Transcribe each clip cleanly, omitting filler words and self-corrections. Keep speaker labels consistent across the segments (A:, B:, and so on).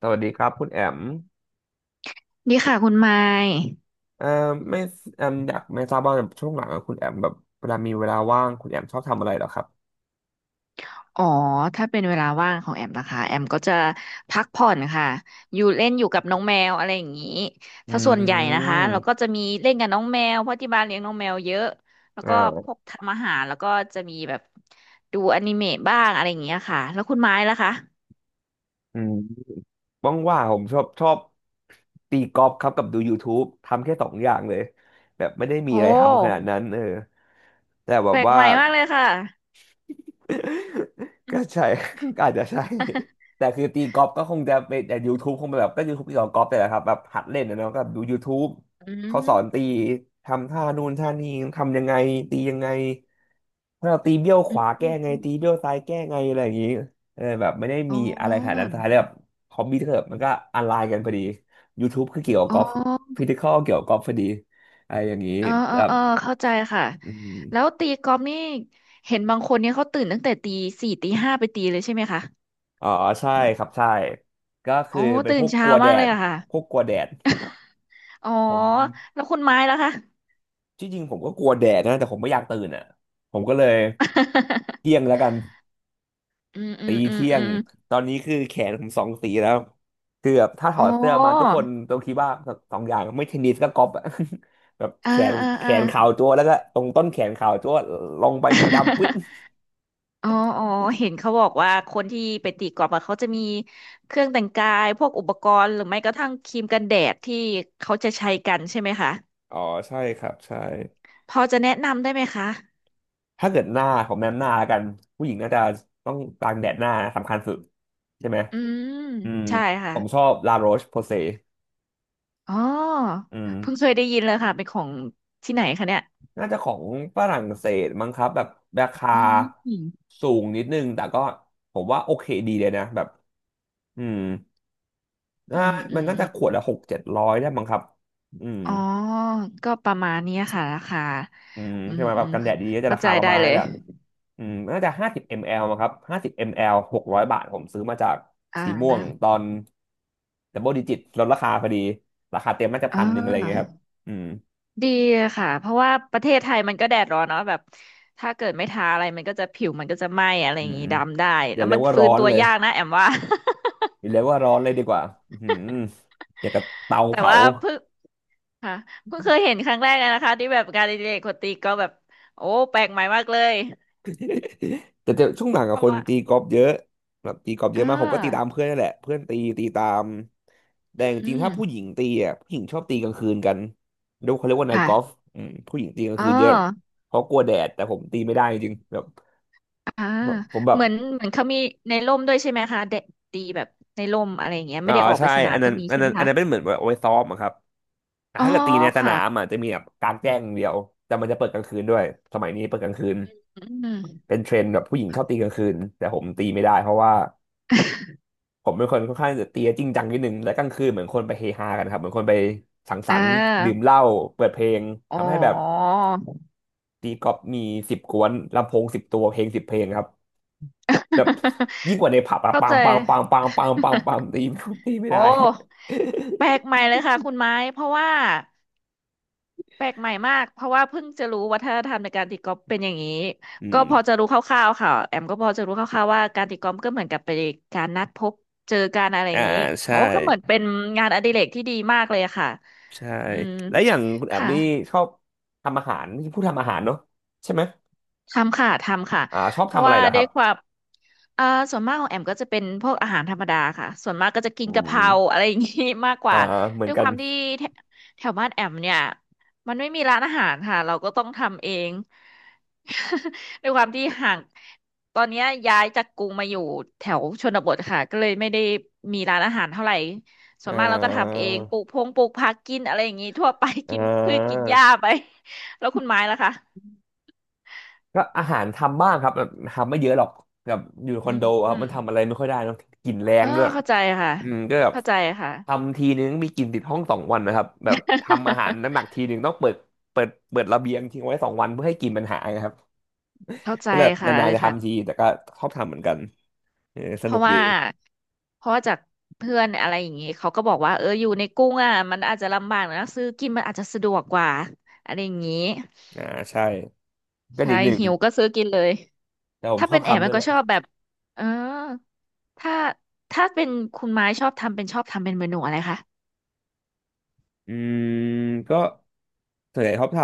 A: สวัสดีครับคุณแอม
B: ดีค่ะคุณไมค์
A: เอ่อไม่แอมอยากไม่ทราบว่าช่วงหลังอะคุณแอมแบบเวลามีเวลาว่างคุณแอมชอบทำอะไรเหรอครับ
B: อ๋อ ถ้าเป็นเวลาว่างของแอมนะคะแอมก็จะพักผ่อนค่ะอยู่เล่นอยู่กับน้องแมวอะไรอย่างนี้
A: อื
B: ถ้าส่วนใหญ่นะคะเราก็
A: ม
B: จะมีเล่นกับน้องแมวเพราะที่บ้านเลี้ยงน้องแมวเยอะ แล้วก็
A: อ่า
B: พวกทำอาหารแล้วก็จะมีแบบดูอนิเมะบ้างอะไรอย่างเงี้ยค่ะ แล้วคุณไม้ล่ะคะ
A: อืมว่างๆผมชอบตีกอล์ฟครับกับดู YouTube ทำแค่สองอย่างเลยแบบไม่ได้มี
B: โอ้
A: อะไรทำขนาดนั้นเออแต่แบ
B: แป
A: บ
B: ลก
A: ว่า
B: ใหม่มากเลยค่ะ
A: ก็ใช่ อาจจะใช่ แต่คือตีกอล์ฟก็คงจะเป็นแต่ YouTube คงเป็นแบบก็ YouTube ที่สอนกอล์ฟแต่แหละครับแบบหัดเล่นนะเนาะก็ดู YouTube
B: อื
A: เขาสอนตี
B: ม
A: ทำท่านู่นท่านี้ทำยังไงตียังไงถ้าเราตีเบี้ยวข
B: อืม
A: วา
B: อื
A: แก้
B: ม
A: ไง
B: อืม
A: ตีเบี้ยวซ้ายแก้ไงอะไรอย่างนี้เออแบบไม่ได้
B: อ๋
A: มีอะไรขนาด
B: อ
A: นั้นสุดท้ายแล้วแบบฮอบบี้เถอะมันก็ออนไลน์กันพอดี YouTube คือเกี่ยวกับ
B: อ๋อ
A: กอล์ฟฟิสิคอลเกี่ยวกับกอล์ฟพอดีอะไรอย่างนี้
B: เออเอ
A: แบ
B: อ
A: บ
B: เออเข้าใจค่ะ
A: อื
B: แล้ว
A: ม
B: ตีกอล์ฟนี่เห็นบางคนเนี่ยเขาตื่นตั้งแต่ตีสี่ตีห้าไปตีเลยใช่ไหมคะ
A: อ๋อใช่ครับใช่ก็คื
B: โอ้
A: อเป็น
B: ตื่
A: พ
B: น
A: วกก
B: เช้า
A: ลัวแด
B: มากเลย
A: ด
B: อะค่ะ
A: พวกกลัวแดด
B: อ๋อ
A: ผม
B: แล้วคุณไม้ล่ะคะ
A: ที่จริงผมก็กลัวแดดนะแต่ผมไม่อยากตื่นอ่ะผมก็เลยเที่ยงแล้วกัน
B: อืมอื
A: ตี
B: มอืม
A: เที่ย
B: อื
A: ง
B: ม
A: ตอนนี้คือแขนผมสองสีแล้วคือแบบถ้าถ
B: โอ้
A: อดเสื้อมาทุกคนต้องคิดว่าสองอย่างไม่เทนนิสก็กอล์ฟอะ แบบ
B: เออ
A: แขน
B: เออ
A: แข
B: เออ
A: นขาวจั๊วแล้วก็ตรงต้นแขนขาวจั๊วลงไปนี่ดำปึ๊ด
B: อ๋ออ๋อเห็นเขาบอกว่าคนที่ไปตีกอล์ฟอะเขาจะมีเครื่องแต่งกายพวกอุปกรณ์หรือไม่กระทั่งครีมกันแดดที่เขาจะใช้กันใช่ไหมคะ
A: อ๋อใช่ครับใช่
B: พอจะแนะนำได้ไหมคะ
A: ถ้าเกิดหน้าผมแนะนำหน้าแล้วกันผู้หญิงน่าจะต้องกางแดดหน้าสำคัญสุดใช่ไหม
B: อืม
A: อืม
B: ใช่
A: ผ
B: ค่ะ
A: มชอบลาโรชโพเซ
B: อ๋อ
A: อืม
B: เพิ่งเคยได้ยินเลยค่ะเป็นของที่ไหนคะเนี่ย
A: น่าจะของฝรั่งเศสมั้งครับแบบราคา
B: อืมอืม
A: สูงนิดนึงแต่ก็ผมว่าโอเคดีเลยนะแบบอืม
B: อื
A: น่า
B: มอื
A: มัน
B: ม
A: น่า
B: อื
A: จะขว
B: ม
A: ดละหกเจ็ดร้อยได้มั้งครับอืม
B: อ๋อก็ประมาณเนี้ยค่ะราคาอื
A: ใช่
B: ม
A: ไหมแบ
B: อื
A: บ
B: ม
A: กันแดดดีๆก็จะ
B: เข้า
A: รา
B: ใจ
A: คาประ
B: ได้
A: มาณ
B: เล
A: นี้
B: ย
A: แหละน่าจะห้าสิบมลลิลิตรมั้งครับห้าสิบมลลิลิตร600 บาทผมซื้อมาจาก
B: อ่
A: สีม่วงตอ
B: า
A: นดับเบิลดิจิตลดราคาพอดีราคาเต็มน่าจะพั
B: อ่า
A: นหนึ่งอะไรเงี้ยครับอืม
B: ดีค่ะเพราะว่าประเทศไทยมันก็แดดร้อนเนาะแบบถ้าเกิดไม่ทาอะไรมันก็จะผิวมันก็จะไหม้อะไร
A: อื
B: อย่า
A: ม
B: งงี้
A: อืม
B: ดำได้
A: อ
B: แล้
A: ย่า
B: ว
A: เรี
B: มั
A: ยก
B: น
A: ว่า
B: ฟื้
A: ร้อ
B: น
A: น
B: ตัว
A: เลย
B: ยากนะแอมว่า
A: มีเลียกว่าร้อนเลยดีกว่าอือหืออย่างกับเตา
B: แต่
A: เผา
B: ว่าเพิ่งค่ะเพิ่งเคยเห็นครั้งแรกเลยนะคะที่แบบงานอดิเรกคนตีก็แบบโอ้แปลกใหม่มากเลย
A: แต่จะช่วงหลัง
B: เพ
A: กับ
B: ราะ
A: คน
B: ว่า
A: ตีกอล์ฟเยอะแบบตีกอล์ฟเยอะ
B: อ่า
A: มากผมก็ตีตามเพื่อนนั่นแหละเพื่อนตีตามแต่จ
B: อื
A: ริงๆถ้าผู้หญิ
B: ม
A: งตีอ่ะผู้หญิงชอบตีกลางคืนกันเรียกเขาเรียกว่านาย
B: ค่ะ
A: กอล์ฟอืมผู้หญิงตีกลาง
B: อ๋อ
A: คืนเยอะเพราะกลัวแดดแต่ผมตีไม่ได้จริงๆแบบ
B: อ่า
A: ผมแบ
B: เห
A: บ
B: มือนเหมือนเขามีในร่มด้วยใช่ไหมคะเด็กตีแบบในร่มอะไรอย่างเงี้ย
A: อ๋
B: ไม่
A: อ
B: ได้ออกไป
A: ใช่
B: สนา
A: อั
B: ม
A: นนั้
B: ก็
A: น
B: มี
A: อัน
B: ใช่ไห
A: นั้
B: ม
A: นอัน
B: คะ
A: นั้นเป็นเหมือนแบบเอาไว้ซ้อมอะครับแต่
B: อ๋อ
A: ถ้าเกิดตีในสนา
B: ค่ะ
A: มอ่ะจะมีแบบกลางแจ้งอย่างเดียวแต่มันจะเปิดกลางคืนด้วยสมัยนี้เปิดกลางคืน
B: อืม
A: เป็นเทรนด์แบบผู้หญิงช
B: ค่ะ
A: อบตีกลางคืนแต่ผมตีไม่ได้เพราะว่า ผมเป็นคนค่อนข้างจะตีจริงจังนิดนึงและกลางคืนเหมือนคนไปเฮฮากันครับเหมือนคนไปสังส
B: อ่
A: รรค์ดื่ม
B: า
A: เหล้าเปิดเพลง
B: อ๋อ
A: ทำให้แบบตีกอล์ฟมีสิบกวนลำโพง10 ตัวเพลง10 เพลงครับแบบยิ่งกว่าในผับ อะ
B: เข้า
A: ปัง
B: ใจ
A: ปังปังปังปังปังปัง ตีตีไม่
B: โอ้
A: ได้
B: แปลกใหม่เลยค่ะคุณไม้ เพราะว่า แปลกใหม่มากเพราะว่าเพิ่งจะรู้วัฒนธรรมในการตีกอล์ฟเป็นอย่างนี้
A: อื
B: ก็
A: ม
B: พอจะรู้คร่าวๆค่ะแอมก็พอจะรู้คร่าวๆว่าการตีกอล์ฟก็เหมือนกับเป็นการนัดพบเจอกันอะไรอ
A: อ่า
B: ย่างนี้โอ้
A: ใช่
B: ก็เหมือนเป็นงานอดิเรกที่ดีมากเลยอะค่ะ
A: ใช่
B: อืม
A: และอย่างคุณแอบ
B: ค่ะ
A: นี่ชอบทำอาหารนี่พูดทำอาหารเนอะใช่ไหม
B: ทำค่ะทำค่ะ
A: อ่าชอบ
B: เพราะ
A: ทำอะไร
B: ว่า
A: เหรอค
B: ด้ว
A: รั
B: ย
A: บ
B: ความเอ่อส่วนมากของแอมก็จะเป็นพวกอาหารธรรมดาค่ะส่วนมากก็จะกิน
A: อื
B: กะเพ
A: ม
B: ราอะไรอย่างนี้ มากก
A: อ่า
B: ว่า
A: เหมือ
B: ด้
A: น
B: วย
A: กั
B: ค
A: น
B: วามที่แถแถวบ้านแอมเนี่ยมันไม่มีร้านอาหารค่ะเราก็ต้องทำเอง ด้วยความที่ห่างตอนเนี้ยย้ายจากกรุงมาอยู่แถวชนบทค่ะก็เลยไม่ได้มีร้านอาหารเท่าไหร่ส่ว
A: เอ่
B: นมากเราก็ทำเอ
A: า
B: งปลูกพงปลูกผักกินอะไรอย่างงี้ทั่วไป
A: อ่
B: กินพืชกิน
A: า
B: หญ้าไปแล้วคุณไม้ล่ะคะ
A: ก็อาหารทำบ้างครับแบบทำไม่เยอะหรอกแบบอยู่คอ
B: อื
A: นโด
B: ม
A: ครั
B: อื
A: บมั
B: ม
A: นทำอะไรไม่ค่อยได้เนอะกลิ่นแร
B: เอ
A: ง
B: อ
A: ด้วย
B: เข้าใจค่ะ
A: ก็แบบ
B: เข้าใจค่ะ
A: ทำทีนึงมีกลิ่นติดห้องสองวันนะครับแบบทำอาหารหนัก ๆทีนึงต้องเปิดเปิดระเบียงทิ้งไว้สองวันเพื่อให้กลิ่นมันหายครับ
B: เข้าใจ
A: ก็แบบ
B: ค่ะ
A: นาน
B: เล
A: ๆ
B: ย
A: จะ
B: ค่ะ
A: ทำทีแต่ก็ชอบทำเหมือนกันเออส
B: เพ
A: นุ
B: ราะ
A: กดี
B: ว่าเพราะว่าจากเพื่อนอะไรอย่างนี้เขาก็บอกว่าเอออยู่ในกรุงอ่ะมันอาจจะลำบากนะซื้อกินมันอาจจะสะดวกกว่าอะไรอย่างนี้
A: อ่าใช่ก็
B: ใช่
A: นิดหนึ่ง
B: หิวก็ซื้อกินเลย
A: แต่ผม
B: ถ้า
A: ชอ
B: เป็
A: บ
B: นแอม
A: ทำด้
B: มั
A: ว
B: น
A: ยแห
B: ก็
A: ละ
B: ชอบแบบเออถ้าถ้าเป็นคุณไม้ชอบทำเป็นชอบทำเป็นเมนูอะไรคะ
A: อืมก็ส่วนใหญ่ชอบท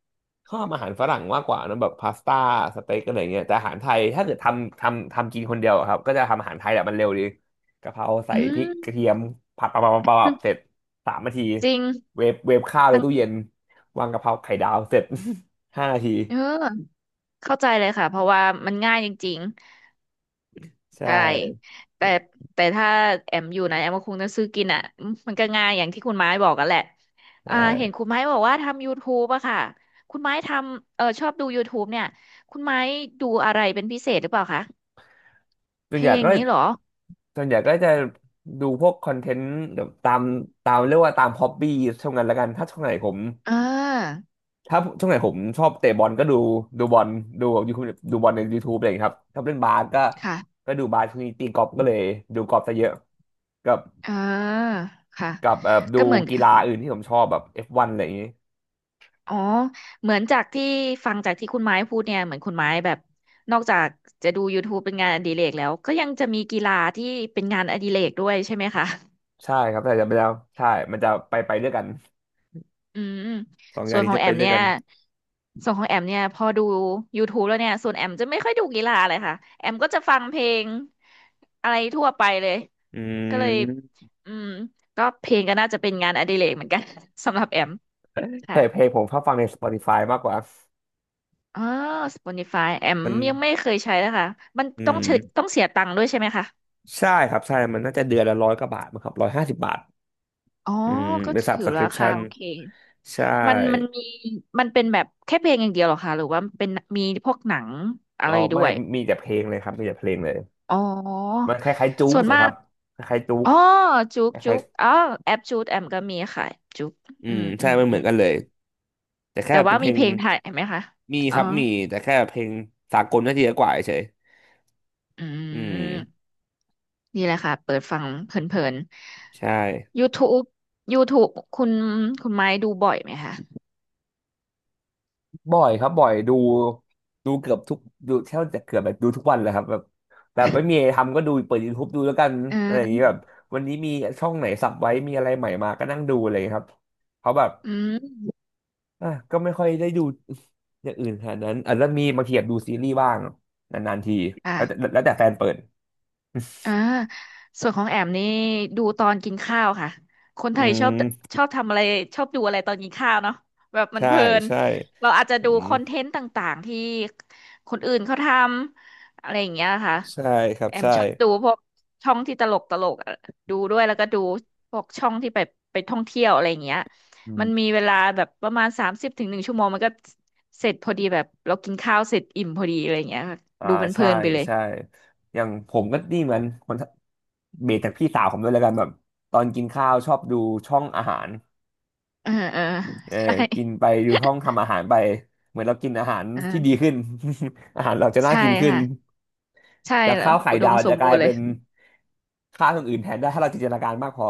A: ำชอบอาหารฝรั่งมากกว่านะแบบพาสต้าสเต็กอะไรเงี้ยแต่อาหารไทยถ้าเกิดทำกินคนเดียวอะครับก็จะทำอาหารไทยแหละมันเร็วดีกะเพราใส่
B: อื
A: พริกก
B: ม
A: ระเทียมผัดปับปับปับปับเสร็จ3 นาที
B: จริง
A: เวฟข้าวใน
B: ทั้ง
A: ตู้เย็นวางกะเพราไข่ดาวเสร็จ 5 นาที
B: เออเข้าใจเลยค่ะเพราะว่ามันง่ายจริง
A: ใช
B: ๆใช่
A: ่
B: แต่ถ้าแอมอยู่นะแอมก็คงจะซื้อกินอ่ะอืมมันก็ง่ายอย่างที่คุณไม้บอกกันแหละ
A: ใช่
B: อ่าเห็นคุณไม้บอกว่าทำ YouTube อะค่ะคุณไม้ทำเออชอบดู YouTube เนี่ยคุณไม้ดูอะไรเป็นพิเศษหรือเปล่าคะ
A: ส่ว
B: เพ
A: นให
B: ล
A: ญ่
B: งอ
A: ก็
B: ย่างนี้เหรอ
A: ส่วนใหญ่ก็จะดูพวกคอนเทนต์แบบตามเรียกว่าตามฮอบบี้ช่วงนั้นละกัน
B: อ่า
A: ถ้าช่วงไหนผมชอบเตะบอลก็ดูดูบอลดูยูทูบดูบอลใน YouTube อะไรอย่างเงี้ยครับชอบเล่นบาสก็
B: ค่ะ
A: ก็ดูบาสช่วงนี้ตีกอล์ฟก็เลยดูกอล์ฟซะเยอะกับ
B: อ่าค่ะ
A: กับดู
B: ก็เหมือน
A: กีฬาอื่นที่ผมชอบแบบ F1 อฟวันอะไรอย่างงี้
B: อ๋อเหมือนจากที่ฟังจากที่คุณไม้พูดเนี่ยเหมือนคุณไม้แบบนอกจากจะดูยู u ู u e เป็นงานอดิเรกแล้วก็ยังจะมีกีฬาที่เป็นงานอดิเรกด้วยใช่ไหมคะ
A: ใช่ครับแต่จะไปแล้วใช่มันจะไปด้วยกัน
B: อืม
A: สองอ
B: ส่
A: ย่าง
B: วน
A: นี้
B: ของ
A: จะ
B: แอ
A: ไป
B: ม
A: ด้วย
B: เนี่ย
A: กัน
B: ส่วนของแอมเนี่ยพอดูย o ทู u แล้วเนี่ยส่วนแอมจะไม่ค่อยดูกีฬาเลยค่ะแอมก็จะฟังเพลงอะไรทั่วไปเลย
A: อื
B: ก็เลย
A: ม
B: อืมก็เพลงก็น่าจะเป็นงานอดิเรกเหมือนกัน สำหรับแอม ค่ะ
A: ใช่เพลงผมชอบฟังใน Spotify มากกว่า
B: อ๋อ Spotify แอม
A: มัน
B: ยังไม่เคยใช้เลยค่ะมัน
A: อื
B: ต้อง
A: ม
B: ใช้ต้องเสียตังค์ด้วยใช่ไหมคะ
A: ใช่ครับใช่มันน่าจะเดือนละ100 กว่าบาทมั้งครับ150 บาท
B: อ๋อ
A: อืม
B: ก็
A: เป็น
B: ถือราคา
A: subscription
B: โอเค
A: ใช
B: มันมัน
A: ่
B: มีมันเป็นแบบแค่เพลงอย่างเดียวเหรอคะหรือว่าเป็นมีพวกหนังอะ
A: อ๋อ
B: ไรด้
A: ไม่
B: วย
A: มีแต่เพลงเลยครับมีแต่เพลงเลย
B: อ๋อ
A: มันคล้ายๆจู๊ก
B: ส่วน
A: สิ
B: มา
A: ค
B: ก
A: รับคล้ายๆจู๊ก
B: อ๋อจุก
A: ค
B: จุ
A: ล้าย
B: กอ๋อแอปจูดแอมก็มีค่ะจุก
A: ๆอื
B: อื
A: ม
B: มอื
A: ใช่
B: ม
A: มันเห
B: อื
A: มือน
B: ม
A: กันเลยแต่แค่
B: แต่
A: เป็
B: ว่า
A: นเพ
B: มี
A: ลง
B: เพลงไทยไหมคะ
A: มี
B: อ๋
A: ค
B: อ
A: รับมีแต่แค่เพลงสากลน่าจะเยอะกว่าเฉย
B: อื
A: อืม
B: มนี่แหละค่ะเปิดฟังเพลิน
A: ใช่
B: ๆ YouTube YouTube คุณคุณไม้ดูบ่อยไหมคะ
A: บ่อยครับบ่อยดูดูเกือบทุกดูแทบจะเกือบแบบดูทุกวันเลยครับแบบแต่ไม่มีอะไรทำก็ดูเปิด YouTube ดูแล้วกัน
B: อ่
A: อะไรอย่างนี้แบ
B: า
A: บวันนี้มีช่องไหนสับไว้มีอะไรใหม่มาก็นั่งดูอะไรอย่างนี้ครับเพราะแบบ
B: อืม
A: อ่ะก็ไม่ค่อยได้ดูอย่างอื่นขนาดนั้นอาจจะมีบางทีแบบดูซีรีส์บ้างนานๆทีแล้วแต่
B: ค่ะ
A: แล้วแต่แฟนเปิด
B: อ่าส่วนของแอมนี่ดูตอนกินข้าวค่ะคน ไท
A: อื
B: ยชอบ
A: ม
B: ชอบทำอะไรชอบดูอะไรตอนกินข้าวเนาะแบบมัน
A: ใช่
B: เพลิน
A: ใช่
B: เราอาจจะ
A: อื
B: ดู
A: ม
B: คอนเทนต์ต่างๆที่คนอื่นเขาทำอะไรอย่างเงี้ยค่ะ
A: ใช่ครับ
B: แอม
A: ใช่
B: ชอบดูพวกช่องที่ตลกตลกดูด้วยแล้วก็ดูพวกช่องที่ไปท่องเที่ยวอะไรอย่างเงี้ย
A: อื
B: มันมีเวลาแบบประมาณ30ถึง1 ชั่วโมงมันก็เสร็จพอดีแบบเรากินข้าวเสร็จอิ่มพอดีอะไรอย่างเงี้ยค่ะ
A: อ่า
B: ดูมันเพ
A: ใช่
B: ลินไปเลย
A: ใช่อย่างผมก็นี่เหมือนคนเบสจากพี่สาวผมด้วยแล้วกันแบบตอนกินข้าวชอบดูช่องอาหาร
B: เออเออ
A: เออ
B: ใช่
A: กินไปดูช่องทำอาหารไปเหมือนเรากินอาหาร
B: อ่
A: ที่ดี
B: า
A: ขึ้น อาหารเราจะน่า
B: ใช่
A: กินขึ้น
B: ค่ะใช่
A: จาก
B: แล้
A: ข้า
B: ว
A: วไข่
B: อุด
A: ดา
B: ม
A: ว
B: สม
A: จะก
B: บู
A: ลาย
B: รณ์เล
A: เป็
B: ย
A: นข้าวอย่างอื่นแทนได้ถ้าเราจินตนาการมากพอ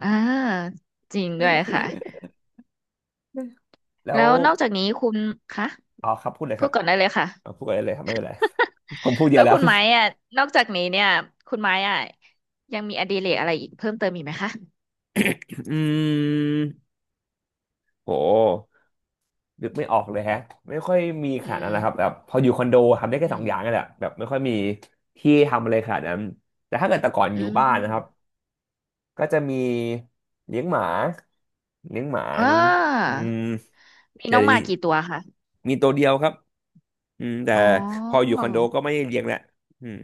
B: อ่าจริงด้วยค่ะ
A: แล้
B: แล้
A: ว
B: วนอกจากนี้คุณคะ
A: อ๋อครับพูดเลย
B: พู
A: ครั
B: ด
A: บ
B: ก่อนได้เลยค่ะ
A: เอาพูดอะไรเลยครับไม่เป็นไร ผมพูดเย
B: แล้
A: อะ
B: ว
A: แล้
B: คุ
A: ว
B: ณไม้อ่ะนอกจากนี้เนี่ยคุณไม้อ่ะยังมีอดิเรกอะไรอีกเพิ่มเติมอีกไหมคะ
A: อืม โห นึกไม่ออกเลยแฮะไม่ค่อยมีข
B: อื
A: นาดนั้นนะครับ
B: ม
A: แบบพออยู่คอนโดทำได้แค่
B: อื
A: สอ
B: ม
A: งอย่างนั่นแหละแบบไม่ค่อยมีที่ทำอะไรขนาดนั้นแต่ถ้าเกิดแต่ก่อนอ
B: อื
A: ยู่บ้านนะครับ
B: ม
A: ก็จะมีเลี้ยงหมาเลี้ยงหมา
B: อ่
A: เลี้ยงอื
B: า
A: ม
B: มี
A: เดี๋ย
B: น้อ
A: ว
B: งห
A: นี้
B: มากี่ตัวคะ
A: มีตัวเดียวครับอืมแต่
B: อ๋อ
A: พออยู่คอนโดก็ไม่ได้เลี้ยงแหละอืม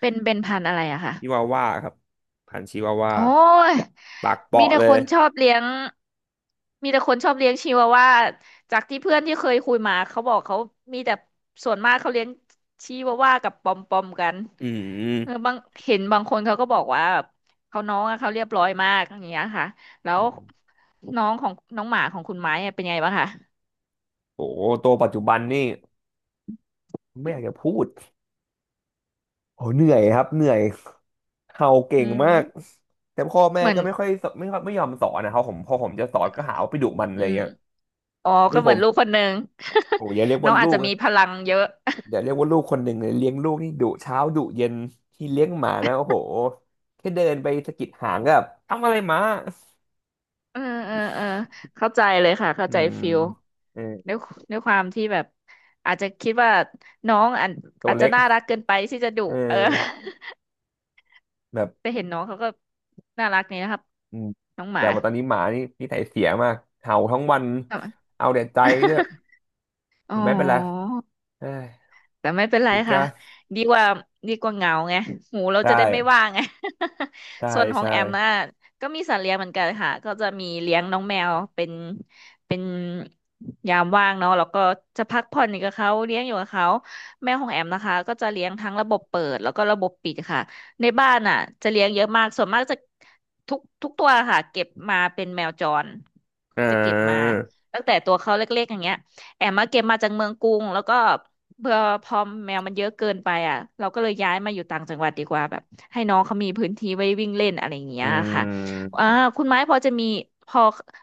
B: เป็นพันธุ์อะไรอะคะ
A: ชิวาว่าครับพันธุ์ชิวาว่า
B: โอ้ย
A: ปากเป
B: มี
A: ราะ
B: แต่
A: เล
B: ค
A: ย
B: นชอบเลี้ยงมีแต่คนชอบเลี้ยงชิวาว่าจากที่เพื่อนที่เคยคุยมาเขาบอกเขามีแต่ส่วนมากเขาเลี้ยงชิวาว่ากับปอมปอมกัน
A: อื
B: เออ
A: ม
B: บางเห็นบางคนเขาก็บอกว่าแบบเขาน้องอะเขาเรียบร้อยมากอย่างเงี้ยค่ะแล้
A: อื
B: ว
A: ม
B: น้องของน้องหมาของคุณไม้อะเป็นไงบ้างคะ
A: โอ้โหตัวปัจจุบันนี่ไม่อยากจะพูดโอ้เหนื่อยครับเหนื่อย เห่าเก่
B: อื
A: งมาก
B: ม
A: แต่พ่อแม่
B: เหมือน
A: ก็ไม่ค่อยสไม่ค่อยไม่ยอมสอนนะครับผมพอผมจะสอนก็หาว่าไปดุมันอะ
B: อื
A: ไร
B: ม
A: เงี้ย
B: อ๋อ
A: คื
B: ก็
A: อ
B: เห
A: ผ
B: มือ
A: ม
B: นลูกคนหนึ่ง
A: โอ้ยอย่าเรียก
B: น้
A: ว่า
B: องอา
A: ลู
B: จจะ
A: ก
B: มี
A: นะ
B: พลังเยอะ
A: อย่าเรียกว่าลูกคนหนึ่งเลยเลี้ยงลูกนี่ดุเช้าดุเย็นที่เลี้ยงหมานะโอ้โหแค่เดินไปสะกิดหางก็แบบทำอะไรหมา
B: เออเออเออเข้าใจเลยค่ะเข้า
A: อื
B: ใจ
A: ม
B: ฟิล
A: เออ
B: ด้วยด้วยความที่แบบอาจจะคิดว่าน้องอาจ
A: ตัว
B: อาจจะ
A: เล็ก
B: น่ารักเกินไปที่จะดุ
A: เอ
B: เออ
A: อแบบ
B: แต่เห็นน้องเขาก็น่ารักนี่นะครับ
A: อืม
B: น้องห
A: แต่
B: มา
A: ว่าตอนนี้หมานี่นิสัยเสียมากเห่าทั้งวัน
B: ทำไม
A: เอาแต่ใจเนี่ย
B: อ๋
A: แต่ไม่เป็นไร
B: อ
A: เอ้ย
B: แต่ไม่เป็นไร
A: ผิด
B: ค่ะ
A: ก็
B: ดีกว่าดีกว่าเหงาไงหูเรา
A: ใช่
B: จะได้ไม่ว่างไง
A: ใช่
B: ส่วนของ
A: ใช่
B: แอมน่ะก็มีสัตว์เลี้ยงเหมือนกันค่ะก็จะมีเลี้ยงน้องแมวเป็นยามว่างเนาะแล้วก็จะพักผ่อนอยู่กับเขาเลี้ยงอยู่กับเขาแมวของแอมนะคะก็จะเลี้ยงทั้งระบบเปิดแล้วก็ระบบปิดค่ะในบ้านน่ะจะเลี้ยงเยอะมากส่วนมากจะทุกทุกตัวค่ะเก็บมาเป็นแมวจร
A: เอ
B: จะเก็บมา
A: อ
B: ตั้งแต่ตัวเขาเล็กๆอย่างเงี้ยแอมมาเก็บมาจากเมืองกรุงแล้วก็ เบื่อพอแมวมันเยอะเกินไปอ่ะเราก็เลยย้ายมาอยู่ต่างจังหวัดดีกว่าแบบให้น้องเขามีพื้นที่ไว้วิ่งเล่นอะไรอย่างเงี้
A: อื
B: ยค่ะอ่า
A: ม
B: คุณไม้พอจะมีพอ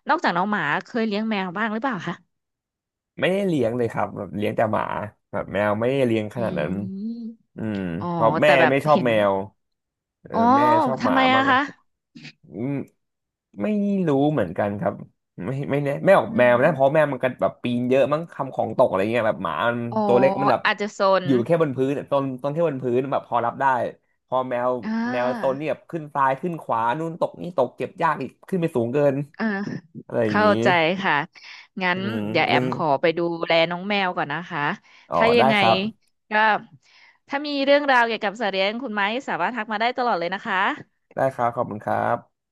B: นอกจากน้องหมาเคยเลี้ยงแมวบ้างหรือเปล่าคะ
A: ไม่ได้เลี้ยงเลยครับแบบเลี้ยงแต่หมาแบบแมวไม่ได้เลี้ยงข
B: อื
A: นาดนั้
B: ม
A: นอืม
B: อ๋อ
A: เพราะแม่
B: แต่แบบ
A: ไม่ชอบ
B: เห็น
A: แมวเออ
B: อ๋อ
A: แม่ชอบห
B: ทำ
A: มา
B: ไม
A: มา
B: อะ
A: กกว่า
B: คะ
A: อืมไม่รู้เหมือนกันครับไม่แน่แม่ออก
B: อื
A: แมวนะเพราะ
B: ม
A: แมวมันก็แบบปีนเยอะมั้งทำของตกอะไรเงี้ยแบบหมามัน
B: อ๋อ
A: ตัวเล็กมันแบบ
B: อาจจะโซน
A: อยู่แค่บนพื้นต้นแค่บนพื้นแบบพอรับได้พอแมว
B: อ่
A: แมวต้น
B: า
A: นี่แบบขึ้นซ้ายขึ้นขวานู่นตกนี่ตกเก็บยากอีกขึ้นไปสูงเกิน
B: อ่า
A: อะไรอย่าง
B: เข้า
A: งี้
B: ใจค่ะงั้
A: อื
B: น
A: ม
B: เดี๋ยวแอ
A: งั้น
B: มขอไปดูแลน้องแมวก่อนนะคะ
A: อ๋อ
B: ถ้ายั
A: ได้
B: งไง
A: ครับ
B: ก็ถ้ามีเรื่องราวเกี่ยวกับสัตว์เลี้ยงคุณไม้สามารถทักมาได้ตลอดเลยนะคะ
A: ได้ครับขอบคุณครับ